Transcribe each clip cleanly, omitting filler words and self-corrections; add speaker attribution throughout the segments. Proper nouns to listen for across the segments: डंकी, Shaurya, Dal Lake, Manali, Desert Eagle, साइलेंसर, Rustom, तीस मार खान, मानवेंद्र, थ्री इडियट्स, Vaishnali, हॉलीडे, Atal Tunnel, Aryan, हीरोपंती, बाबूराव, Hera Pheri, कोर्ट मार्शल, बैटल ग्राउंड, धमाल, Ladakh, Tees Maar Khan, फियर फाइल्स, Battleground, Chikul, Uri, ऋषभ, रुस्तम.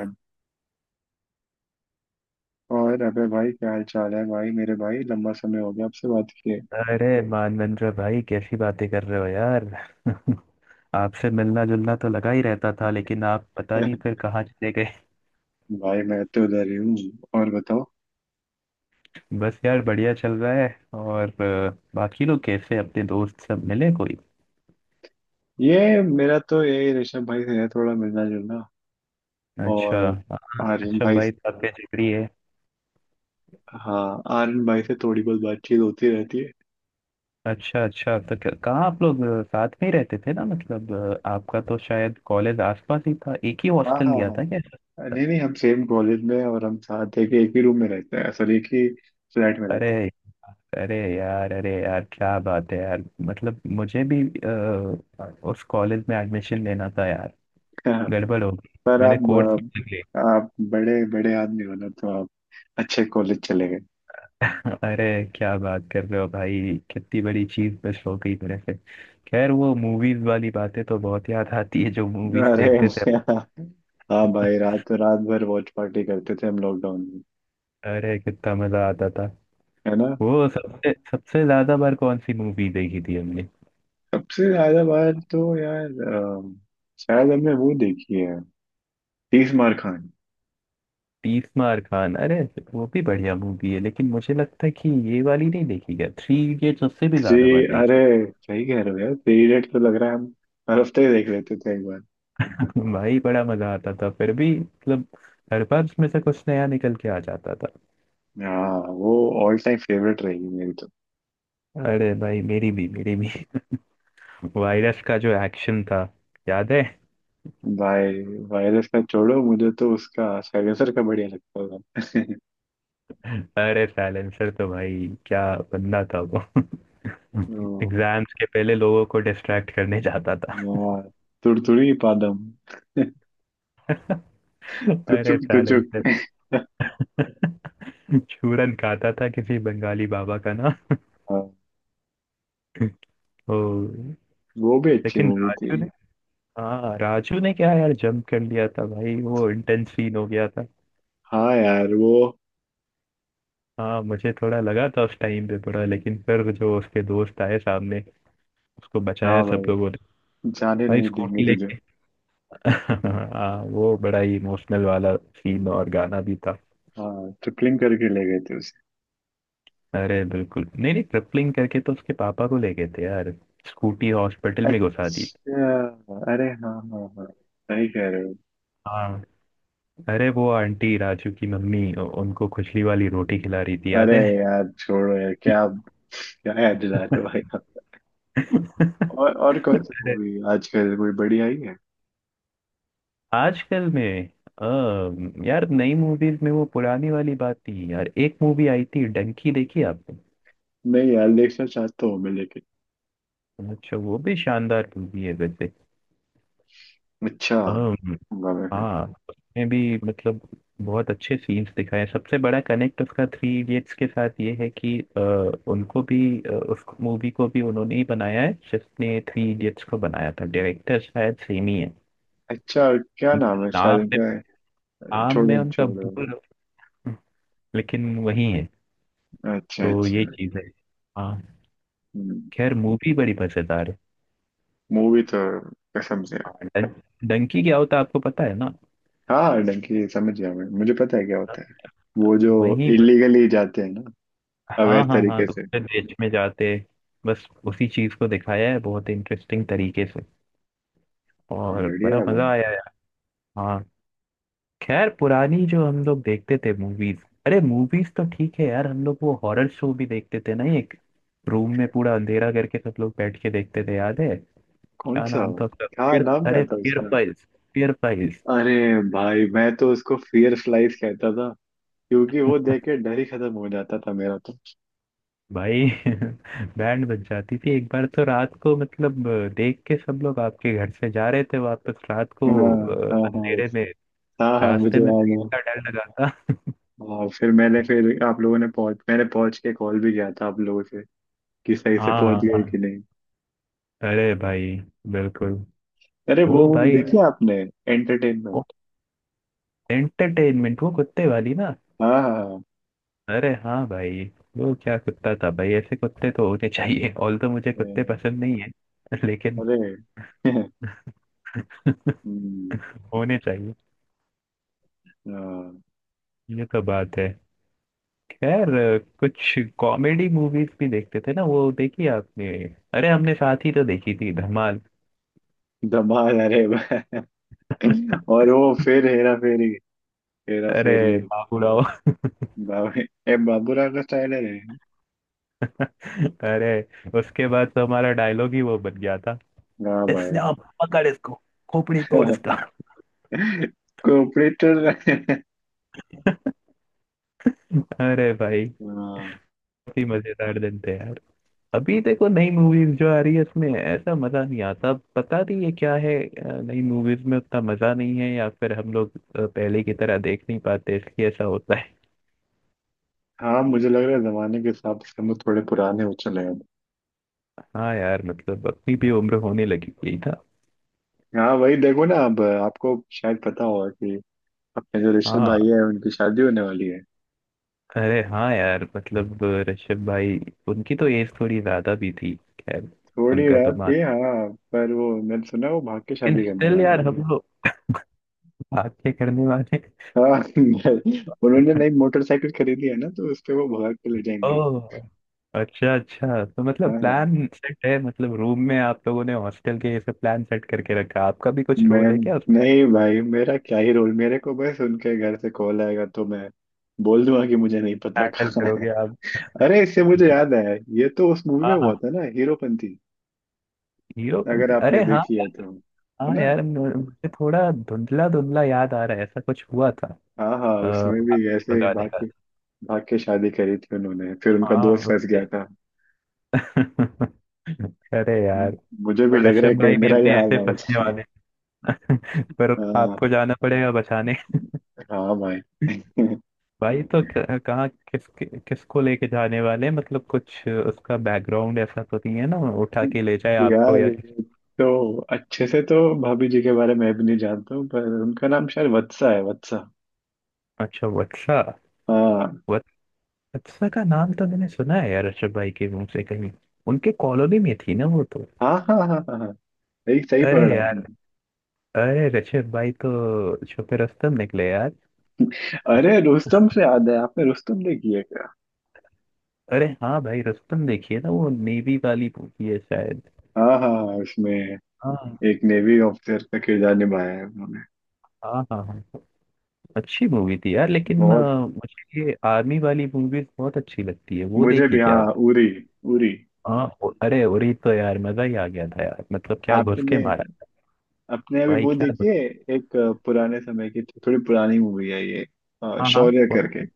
Speaker 1: है। और अबे भाई, क्या हाल चाल है भाई? मेरे भाई लंबा समय हो गया आपसे बात किए।
Speaker 2: अरे मानवेंद्र भाई, कैसी बातें कर रहे हो यार। आपसे मिलना जुलना तो लगा ही रहता था, लेकिन आप पता नहीं फिर कहाँ चले गए।
Speaker 1: भाई मैं तो उधर ही हूँ। और बताओ।
Speaker 2: बस यार, बढ़िया चल रहा है। और बाकी लोग कैसे? अपने दोस्त सब मिले कोई?
Speaker 1: ये मेरा तो, ये ऋषभ भाई से है थोड़ा मिलना जुलना।
Speaker 2: अच्छा।
Speaker 1: और
Speaker 2: हाँ।
Speaker 1: आर्यन
Speaker 2: अच्छा,
Speaker 1: भाई
Speaker 2: भाई
Speaker 1: से-
Speaker 2: तो आपके जिगरी है।
Speaker 1: हाँ, आर्यन भाई से थोड़ी बहुत बातचीत होती रहती है।
Speaker 2: अच्छा अच्छा, तो कहाँ आप लोग साथ में ही रहते थे ना, मतलब आपका तो शायद कॉलेज आसपास ही था। एक ही
Speaker 1: हाँ,
Speaker 2: हॉस्टल
Speaker 1: हाँ,
Speaker 2: लिया था क्या?
Speaker 1: हाँ। नहीं, नहीं, हम सेम कॉलेज में हैं और हम साथ है कि एक ही रूम में रहते हैं, सॉरी, एक ही फ्लैट में
Speaker 2: अरे,
Speaker 1: रहते
Speaker 2: अरे यार, अरे यार क्या बात है यार। मतलब मुझे भी अ, उस कॉलेज में एडमिशन लेना था यार।
Speaker 1: हैं।
Speaker 2: गड़बड़ हो गई,
Speaker 1: पर
Speaker 2: मैंने कोर्स
Speaker 1: आप
Speaker 2: बदल लिया।
Speaker 1: आप बड़े बड़े आदमी हो ना, तो आप अच्छे कॉलेज चले गए।
Speaker 2: अरे, क्या बात कर रहे हो भाई, कितनी बड़ी चीज मिस हो गई मेरे से। खैर, वो मूवीज वाली बातें तो बहुत याद आती है, जो मूवीज
Speaker 1: अरे।
Speaker 2: देखते थे।
Speaker 1: हाँ भाई, रात रात भर वॉच पार्टी करते थे हम लॉकडाउन में।
Speaker 2: अरे, कितना मजा आता था।
Speaker 1: है ना।
Speaker 2: वो सबसे सबसे ज्यादा बार कौन सी मूवी देखी थी हमने?
Speaker 1: सबसे ज्यादा बार तो यार, अम, शायद हमने वो देखी है, तीस मार खान।
Speaker 2: तीस मार खान? अरे, वो भी बढ़िया मूवी है, लेकिन मुझे लगता है कि ये वाली नहीं, देखी गया थ्री इडियट्स, उससे भी
Speaker 1: जी।
Speaker 2: ज्यादा बार
Speaker 1: अरे
Speaker 2: देखी।
Speaker 1: सही कह रहे हो यार, थ्री इडियट तो लग रहा है हम हर हफ्ते ही देख लेते थे एक बार।
Speaker 2: भाई, बड़ा मजा आता था फिर भी, मतलब हर बार उसमें से कुछ नया निकल के आ जाता था।
Speaker 1: हाँ वो ऑल टाइम फेवरेट रहेगी मेरी तो।
Speaker 2: अरे भाई, मेरी भी मेरी भी। वायरस का जो एक्शन था, याद है?
Speaker 1: भाई वायरस का छोड़ो, मुझे तो उसका साइलेंसर का बढ़िया लगता था।
Speaker 2: अरे साइलेंसर तो भाई क्या बंदा था वो।
Speaker 1: ओ।
Speaker 2: एग्जाम्स के पहले लोगों को डिस्ट्रैक्ट करने जाता था।
Speaker 1: यार तुड़तुड़ी पादम,
Speaker 2: अरे
Speaker 1: तुचुक तुचुक।
Speaker 2: साइलेंसर। चूरन खाता था किसी बंगाली बाबा का ना। ओ,
Speaker 1: वो भी अच्छी
Speaker 2: लेकिन
Speaker 1: मूवी थी।
Speaker 2: राजू ने, हाँ राजू ने क्या यार, जंप कर लिया था भाई, वो इंटेंस सीन हो गया था।
Speaker 1: हाँ यार, वो।
Speaker 2: हाँ, मुझे थोड़ा लगा था उस टाइम पे थोड़ा, लेकिन फिर जो उसके दोस्त आए सामने, उसको
Speaker 1: हाँ
Speaker 2: बचाया सब लोगों
Speaker 1: भाई,
Speaker 2: ने।
Speaker 1: जाने
Speaker 2: भाई
Speaker 1: नहीं देंगे
Speaker 2: स्कूटी
Speaker 1: तुझे।
Speaker 2: लेके। हाँ, वो बड़ा ही इमोशनल वाला सीन और गाना भी था।
Speaker 1: हाँ, ट्रिपलिंग करके ले गए थे उसे।
Speaker 2: अरे बिल्कुल नहीं, नहीं, ट्रिपलिंग करके तो उसके पापा को ले गए थे यार। स्कूटी हॉस्पिटल में घुसा दी।
Speaker 1: अच्छा। अरे हाँ, हाँ, हाँ, सही कह रहे हो।
Speaker 2: हाँ। अरे वो आंटी, राजू की मम्मी, उनको खुजली वाली रोटी खिला रही थी,
Speaker 1: अरे
Speaker 2: याद है?
Speaker 1: यार छोड़ो यार, क्या क्या याद दिला रहे हो भाई आप। और कौन सी
Speaker 2: अरे,
Speaker 1: मूवी आजकल कोई बड़ी आई है?
Speaker 2: आजकल में यार नई मूवीज में वो पुरानी वाली बात थी यार। एक मूवी आई थी डंकी, देखी आपने?
Speaker 1: नहीं यार, देखना चाहता हूँ मैं, लेकिन।
Speaker 2: अच्छा, वो भी शानदार मूवी है वैसे।
Speaker 1: अच्छा।
Speaker 2: अम,
Speaker 1: होगा मैं फिर।
Speaker 2: हाँ उसमें भी मतलब बहुत अच्छे सीन्स दिखाए हैं। सबसे बड़ा कनेक्ट उसका थ्री इडियट्स के साथ ये है कि उनको भी उस मूवी को भी उन्होंने ही बनाया है जिसने थ्री इडियट्स को बनाया था। डायरेक्टर शायद सेम ही है।
Speaker 1: अच्छा, क्या
Speaker 2: उनका
Speaker 1: नाम है शायद
Speaker 2: नाम में,
Speaker 1: उनका?
Speaker 2: नाम में
Speaker 1: छोड़ो
Speaker 2: उनका
Speaker 1: छोड़ो।
Speaker 2: भूल, लेकिन वही है।
Speaker 1: अच्छा
Speaker 2: तो
Speaker 1: अच्छा।
Speaker 2: ये चीज है। हाँ। खैर, मूवी बड़ी मजेदार है।
Speaker 1: मूवी तो कसम से।
Speaker 2: हाँ, डं, डंकी क्या होता है आपको पता है ना?
Speaker 1: हाँ, डंकी समझ गया मैं, मुझे पता है क्या होता है। वो जो
Speaker 2: वही।
Speaker 1: इलीगली जाते हैं ना,
Speaker 2: हाँ
Speaker 1: अवैध
Speaker 2: हाँ हाँ,
Speaker 1: तरीके से।
Speaker 2: दूसरे देश में जाते। बस उसी चीज को दिखाया है बहुत इंटरेस्टिंग तरीके से। और बड़ा
Speaker 1: बढ़िया भाई।
Speaker 2: मजा आया यार। हाँ। खैर पुरानी जो हम लोग देखते थे मूवीज, अरे मूवीज तो ठीक है यार, हम लोग वो हॉरर शो भी देखते थे ना एक। रूम में पूरा अंधेरा करके सब लोग बैठ के देखते थे, याद है?
Speaker 1: कौन
Speaker 2: क्या
Speaker 1: सा?
Speaker 2: नाम था उसका
Speaker 1: क्या
Speaker 2: फिर,
Speaker 1: नाम क्या
Speaker 2: अरे
Speaker 1: था
Speaker 2: फियर
Speaker 1: उसका?
Speaker 2: फाइल्स। फियर फाइल्स।
Speaker 1: अरे भाई मैं तो उसको फियर स्लाइस कहता था, क्योंकि वो देख के डर ही खत्म हो जाता था मेरा तो।
Speaker 2: भाई। बैंड बज जाती थी एक बार तो रात को, मतलब देख के सब लोग आपके घर से जा रहे थे वापस रात को
Speaker 1: हाँ, हाँ, हाँ,
Speaker 2: अंधेरे में।
Speaker 1: हाँ, हाँ,
Speaker 2: रास्ते
Speaker 1: मुझे
Speaker 2: में
Speaker 1: याद
Speaker 2: भीड़
Speaker 1: है।
Speaker 2: का डर लगा था।
Speaker 1: हाँ, फिर मैंने फिर आप लोगों ने पहुंच मैंने पहुंच के कॉल भी किया था आप लोगों से, कि सही से
Speaker 2: हाँ
Speaker 1: पहुंच
Speaker 2: हाँ
Speaker 1: गए
Speaker 2: हाँ।
Speaker 1: कि नहीं।
Speaker 2: अरे भाई, बिल्कुल।
Speaker 1: अरे वो
Speaker 2: वो
Speaker 1: मूवी
Speaker 2: भाई
Speaker 1: देखी आपने, एंटरटेनमेंट।
Speaker 2: एंटरटेनमेंट, वो कुत्ते वाली ना।
Speaker 1: हाँ, हाँ,
Speaker 2: अरे हाँ भाई, वो क्या कुत्ता था भाई, ऐसे कुत्ते तो होने चाहिए। ऑल तो मुझे कुत्ते
Speaker 1: हाँ।
Speaker 2: पसंद नहीं है। लेकिन
Speaker 1: अरे। हम्म।
Speaker 2: होने चाहिए।
Speaker 1: हाँ।
Speaker 2: ये तो बात है। खैर, कुछ कॉमेडी मूवीज भी देखते थे ना, वो देखी आपने? अरे हमने साथ ही तो देखी थी धमाल।
Speaker 1: धमाल, अरे वाह। और वो फिर हेरा फेरी, हेरा फेरी।
Speaker 2: अरे बाबूराव।
Speaker 1: बाबू ए बाबूराव का स्टाइल है रे।
Speaker 2: अरे, उसके बाद तो हमारा डायलॉग ही वो बन गया था।
Speaker 1: वाह भाई।
Speaker 2: इसने आप पकड़ इसको, खोपड़ी तोड़ इसका।
Speaker 1: कोऑपरेटर।
Speaker 2: अरे भाई,
Speaker 1: हाँ
Speaker 2: काफी मजेदार दिन थे यार। अभी देखो नई मूवीज जो आ रही है, इसमें ऐसा मजा नहीं आता। पता नहीं ये क्या है, नई मूवीज में उतना मजा नहीं है, या फिर हम लोग पहले की तरह देख नहीं पाते, इसलिए ऐसा होता है।
Speaker 1: हाँ। मुझे लग रहा है जमाने के हिसाब से हम लोग थोड़े पुराने हो चले हैं अब।
Speaker 2: हाँ यार, मतलब अपनी भी उम्र होने लगी हुई था।
Speaker 1: हाँ, वही देखो ना, अब आपको शायद पता होगा कि अपने जो ऋषभ भाई
Speaker 2: हाँ।
Speaker 1: है उनकी शादी होने वाली है।
Speaker 2: अरे हाँ यार, मतलब ऋषभ भाई, उनकी तो एज थोड़ी ज्यादा भी थी। खैर,
Speaker 1: थोड़ी
Speaker 2: उनका तो
Speaker 1: रात
Speaker 2: मान,
Speaker 1: भी, हाँ, पर वो मैंने सुना वो भाग के
Speaker 2: लेकिन
Speaker 1: शादी करने
Speaker 2: स्टिल
Speaker 1: वाले
Speaker 2: यार
Speaker 1: हैं।
Speaker 2: हम लोग, भाग के करने वाले।
Speaker 1: हाँ। उन्होंने नई मोटरसाइकिल खरीदी है ना, तो उस पे वो भाग के ले जाएंगे।
Speaker 2: ओह, अच्छा अच्छा, तो
Speaker 1: हाँ,
Speaker 2: मतलब
Speaker 1: हाँ।
Speaker 2: प्लान सेट है, मतलब रूम में आप लोगों ने हॉस्टल के ये सब प्लान सेट करके रखा। आपका भी कुछ
Speaker 1: मैं।
Speaker 2: रोल है क्या उसमें?
Speaker 1: नहीं भाई, मेरा क्या ही रोल, मेरे को बस उनके घर से कॉल आएगा तो मैं बोल दूंगा कि मुझे नहीं पता
Speaker 2: हैंडल
Speaker 1: कहाँ
Speaker 2: करोगे
Speaker 1: है।
Speaker 2: आप?
Speaker 1: अरे इससे मुझे याद आया, ये तो उस मूवी में
Speaker 2: हाँ
Speaker 1: हुआ
Speaker 2: हाँ,
Speaker 1: था ना, हीरोपंती, अगर
Speaker 2: हीरोपंती,
Speaker 1: आपने
Speaker 2: अरे हाँ।
Speaker 1: देखी है तो। है
Speaker 2: हाँ
Speaker 1: ना।
Speaker 2: यार, मुझे थोड़ा धुंधला धुंधला याद आ रहा है, ऐसा कुछ हुआ था।
Speaker 1: हाँ, हाँ, उसमें भी
Speaker 2: आपके
Speaker 1: ऐसे ही
Speaker 2: बताने
Speaker 1: भाग
Speaker 2: का,
Speaker 1: के, भाग के शादी करी थी उन्होंने, फिर उनका
Speaker 2: हाँ
Speaker 1: दोस्त फंस गया
Speaker 2: उससे।
Speaker 1: था।
Speaker 2: अरे यार,
Speaker 1: मुझे भी
Speaker 2: तो
Speaker 1: लग रहा है
Speaker 2: ऋषभ
Speaker 1: कहीं
Speaker 2: भाई भी
Speaker 1: मेरा ये
Speaker 2: अपने
Speaker 1: हाल
Speaker 2: ऐसे
Speaker 1: ना हो
Speaker 2: फंसने
Speaker 1: जाए।
Speaker 2: वाले। पर
Speaker 1: हाँ,
Speaker 2: आपको जाना पड़ेगा बचाने।
Speaker 1: हाँ भाई।
Speaker 2: भाई तो कहाँ, किस किसको लेके जाने वाले हैं? मतलब कुछ उसका बैकग्राउंड ऐसा तो नहीं है ना, उठा के ले जाए आपको
Speaker 1: यार
Speaker 2: या किसी।
Speaker 1: ये तो अच्छे से तो भाभी जी के बारे में भी नहीं जानता हूँ, पर उनका नाम शायद वत्सा है, वत्सा।
Speaker 2: अच्छा वत्सा।
Speaker 1: हाँ,
Speaker 2: वत- वत्सा का नाम तो मैंने सुना है यार ऋषभ भाई के मुंह से कहीं। उनके कॉलोनी में थी ना वो तो।
Speaker 1: हाँ, हाँ, हाँ, हाँ, हाँ, सही सही
Speaker 2: अरे
Speaker 1: पकड़ा
Speaker 2: यार,
Speaker 1: आपने।
Speaker 2: अरे ऋषभ भाई तो छुपे रुस्तम निकले यार।
Speaker 1: अरे रुस्तम से याद है, आपने रुस्तम देखी है क्या?
Speaker 2: अरे हाँ भाई, रुस्तम देखिए ना, वो नेवी वाली मूवी है शायद।
Speaker 1: हाँ, हाँ, हाँ, उसमें
Speaker 2: हाँ
Speaker 1: एक नेवी ऑफिसर का किरदार निभाया है उन्होंने।
Speaker 2: हाँ हाँ। हाँ, अच्छी मूवी थी यार, लेकिन
Speaker 1: बहुत।
Speaker 2: मुझे ये आर्मी वाली मूवीज बहुत अच्छी लगती है। वो
Speaker 1: मुझे
Speaker 2: देखी
Speaker 1: भी,
Speaker 2: क्या?
Speaker 1: हाँ, उरी। उरी।
Speaker 2: हाँ, अरे उरी तो यार मजा ही आ गया था यार, मतलब क्या घुस के
Speaker 1: आपने,
Speaker 2: मारा।
Speaker 1: अपने अभी
Speaker 2: भाई
Speaker 1: वो
Speaker 2: क्या
Speaker 1: देखिए, एक पुराने समय की, थोड़ी पुरानी मूवी है ये,
Speaker 2: हाँ हाँ,
Speaker 1: शौर्य
Speaker 2: कौन
Speaker 1: करके।
Speaker 2: सी?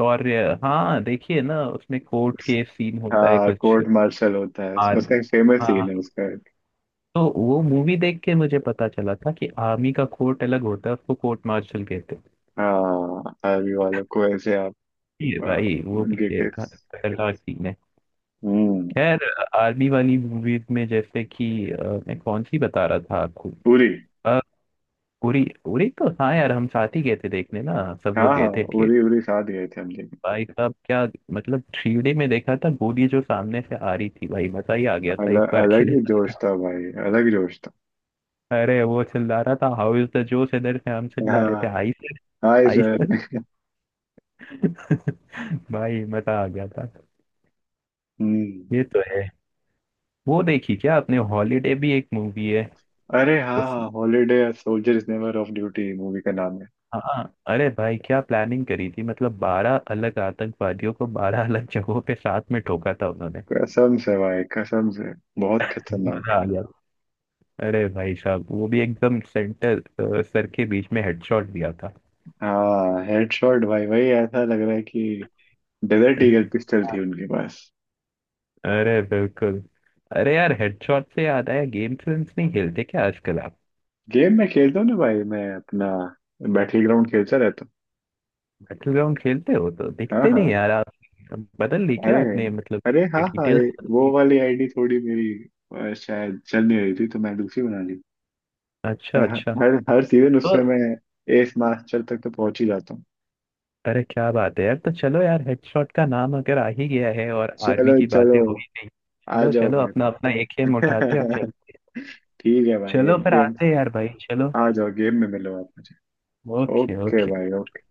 Speaker 2: और हाँ देखिए ना, उसमें कोर्ट केस सीन होता है
Speaker 1: हाँ,
Speaker 2: कुछ,
Speaker 1: कोर्ट मार्शल होता है उसमें,
Speaker 2: आर्मी।
Speaker 1: उसका एक फेमस
Speaker 2: हाँ हाँ।
Speaker 1: सीन है, उसका एक।
Speaker 2: तो वो मूवी देख के मुझे पता चला था कि आर्मी का कोर्ट अलग होता है, उसको कोर्ट मार्शल कहते हैं।
Speaker 1: हाँ, आर्मी वालों को ऐसे आप
Speaker 2: ये भाई, वो भी
Speaker 1: के।
Speaker 2: एक खतरनाक सीन है।
Speaker 1: हम्म।
Speaker 2: खैर, आर्मी वाली मूवीज में जैसे कि मैं कौन सी बता रहा था आपको?
Speaker 1: उरी।
Speaker 2: अ, उरी, उरी तो हाँ यार, हम साथ ही गए थे देखने ना। सब
Speaker 1: हाँ,
Speaker 2: लोग
Speaker 1: हाँ,
Speaker 2: गए थे।
Speaker 1: उरी उरी साथ गए थे हम लेकिन।
Speaker 2: भाई साहब क्या, मतलब थ्री डी में देखा था, गोली जो सामने से आ रही थी भाई, मजा ही आ गया था एक
Speaker 1: अलग
Speaker 2: बार के
Speaker 1: अलग
Speaker 2: लिए।
Speaker 1: ही
Speaker 2: तो।
Speaker 1: जोश था भाई, अलग जोश था।
Speaker 2: अरे वो चिल्ला रहा था हाउ इज द जोश, इधर से हम चिल्ला रहे
Speaker 1: हाँ।
Speaker 2: थे हाई से।
Speaker 1: हाय
Speaker 2: हाई से।
Speaker 1: सर।
Speaker 2: भाई, मजा आ गया था।
Speaker 1: हम्म।
Speaker 2: ये तो है। वो देखी क्या आपने, हॉलीडे भी एक मूवी है।
Speaker 1: अरे
Speaker 2: उस,
Speaker 1: हाँ, हॉलीडे, soldier is never off duty movie का नाम है।
Speaker 2: हाँ अरे भाई क्या प्लानिंग करी थी, मतलब बारह अलग आतंकवादियों को बारह अलग जगहों पे साथ में ठोका था उन्होंने।
Speaker 1: कसम से भाई, कसम से। बहुत खतरनाक।
Speaker 2: मजा आ गया। अरे भाई साहब, वो भी एकदम सेंटर सर के बीच में हेडशॉट दिया था।
Speaker 1: हाँ, हेडशॉट भाई, वही, ऐसा लग रहा है कि डेजर्ट ईगल पिस्टल थी उनके पास।
Speaker 2: अरे बिल्कुल। अरे यार हेडशॉट से याद आया, गेम्स वेम्स नहीं खेलते क्या आजकल आप?
Speaker 1: गेम में खेलता हूँ ना भाई मैं, अपना बैटल ग्राउंड खेलता रहता हूँ।
Speaker 2: बैटल ग्राउंड खेलते हो तो
Speaker 1: हाँ,
Speaker 2: दिखते नहीं
Speaker 1: हाँ।
Speaker 2: यार आप। बदल ली क्या
Speaker 1: अरे।
Speaker 2: आपने, मतलब
Speaker 1: अरे हाँ, हाँ,
Speaker 2: डिटेल्स?
Speaker 1: वो वाली आईडी थोड़ी मेरी, शायद चल नहीं रही थी तो मैं दूसरी बना ली। मैं
Speaker 2: अच्छा अच्छा।
Speaker 1: हर हर सीजन
Speaker 2: तो
Speaker 1: उसमें मैं एस मास्टर तक तो पहुंच ही जाता हूँ।
Speaker 2: अरे क्या बात है यार, तो चलो यार, हेडशॉट का नाम अगर आ ही गया है और आर्मी
Speaker 1: चलो
Speaker 2: की बातें
Speaker 1: चलो।
Speaker 2: हो ही गई,
Speaker 1: आ
Speaker 2: चलो
Speaker 1: जाओ
Speaker 2: चलो,
Speaker 1: फिर।
Speaker 2: अपना अपना एक एम उठाते हैं और चलते हैं।
Speaker 1: ठीक है भाई,
Speaker 2: चलो
Speaker 1: एक
Speaker 2: फिर
Speaker 1: गेम।
Speaker 2: आते हैं यार भाई, चलो।
Speaker 1: आ जाओ गेम में मिलो आप मुझे।
Speaker 2: Okay
Speaker 1: okay
Speaker 2: okay.
Speaker 1: भाई, ओके।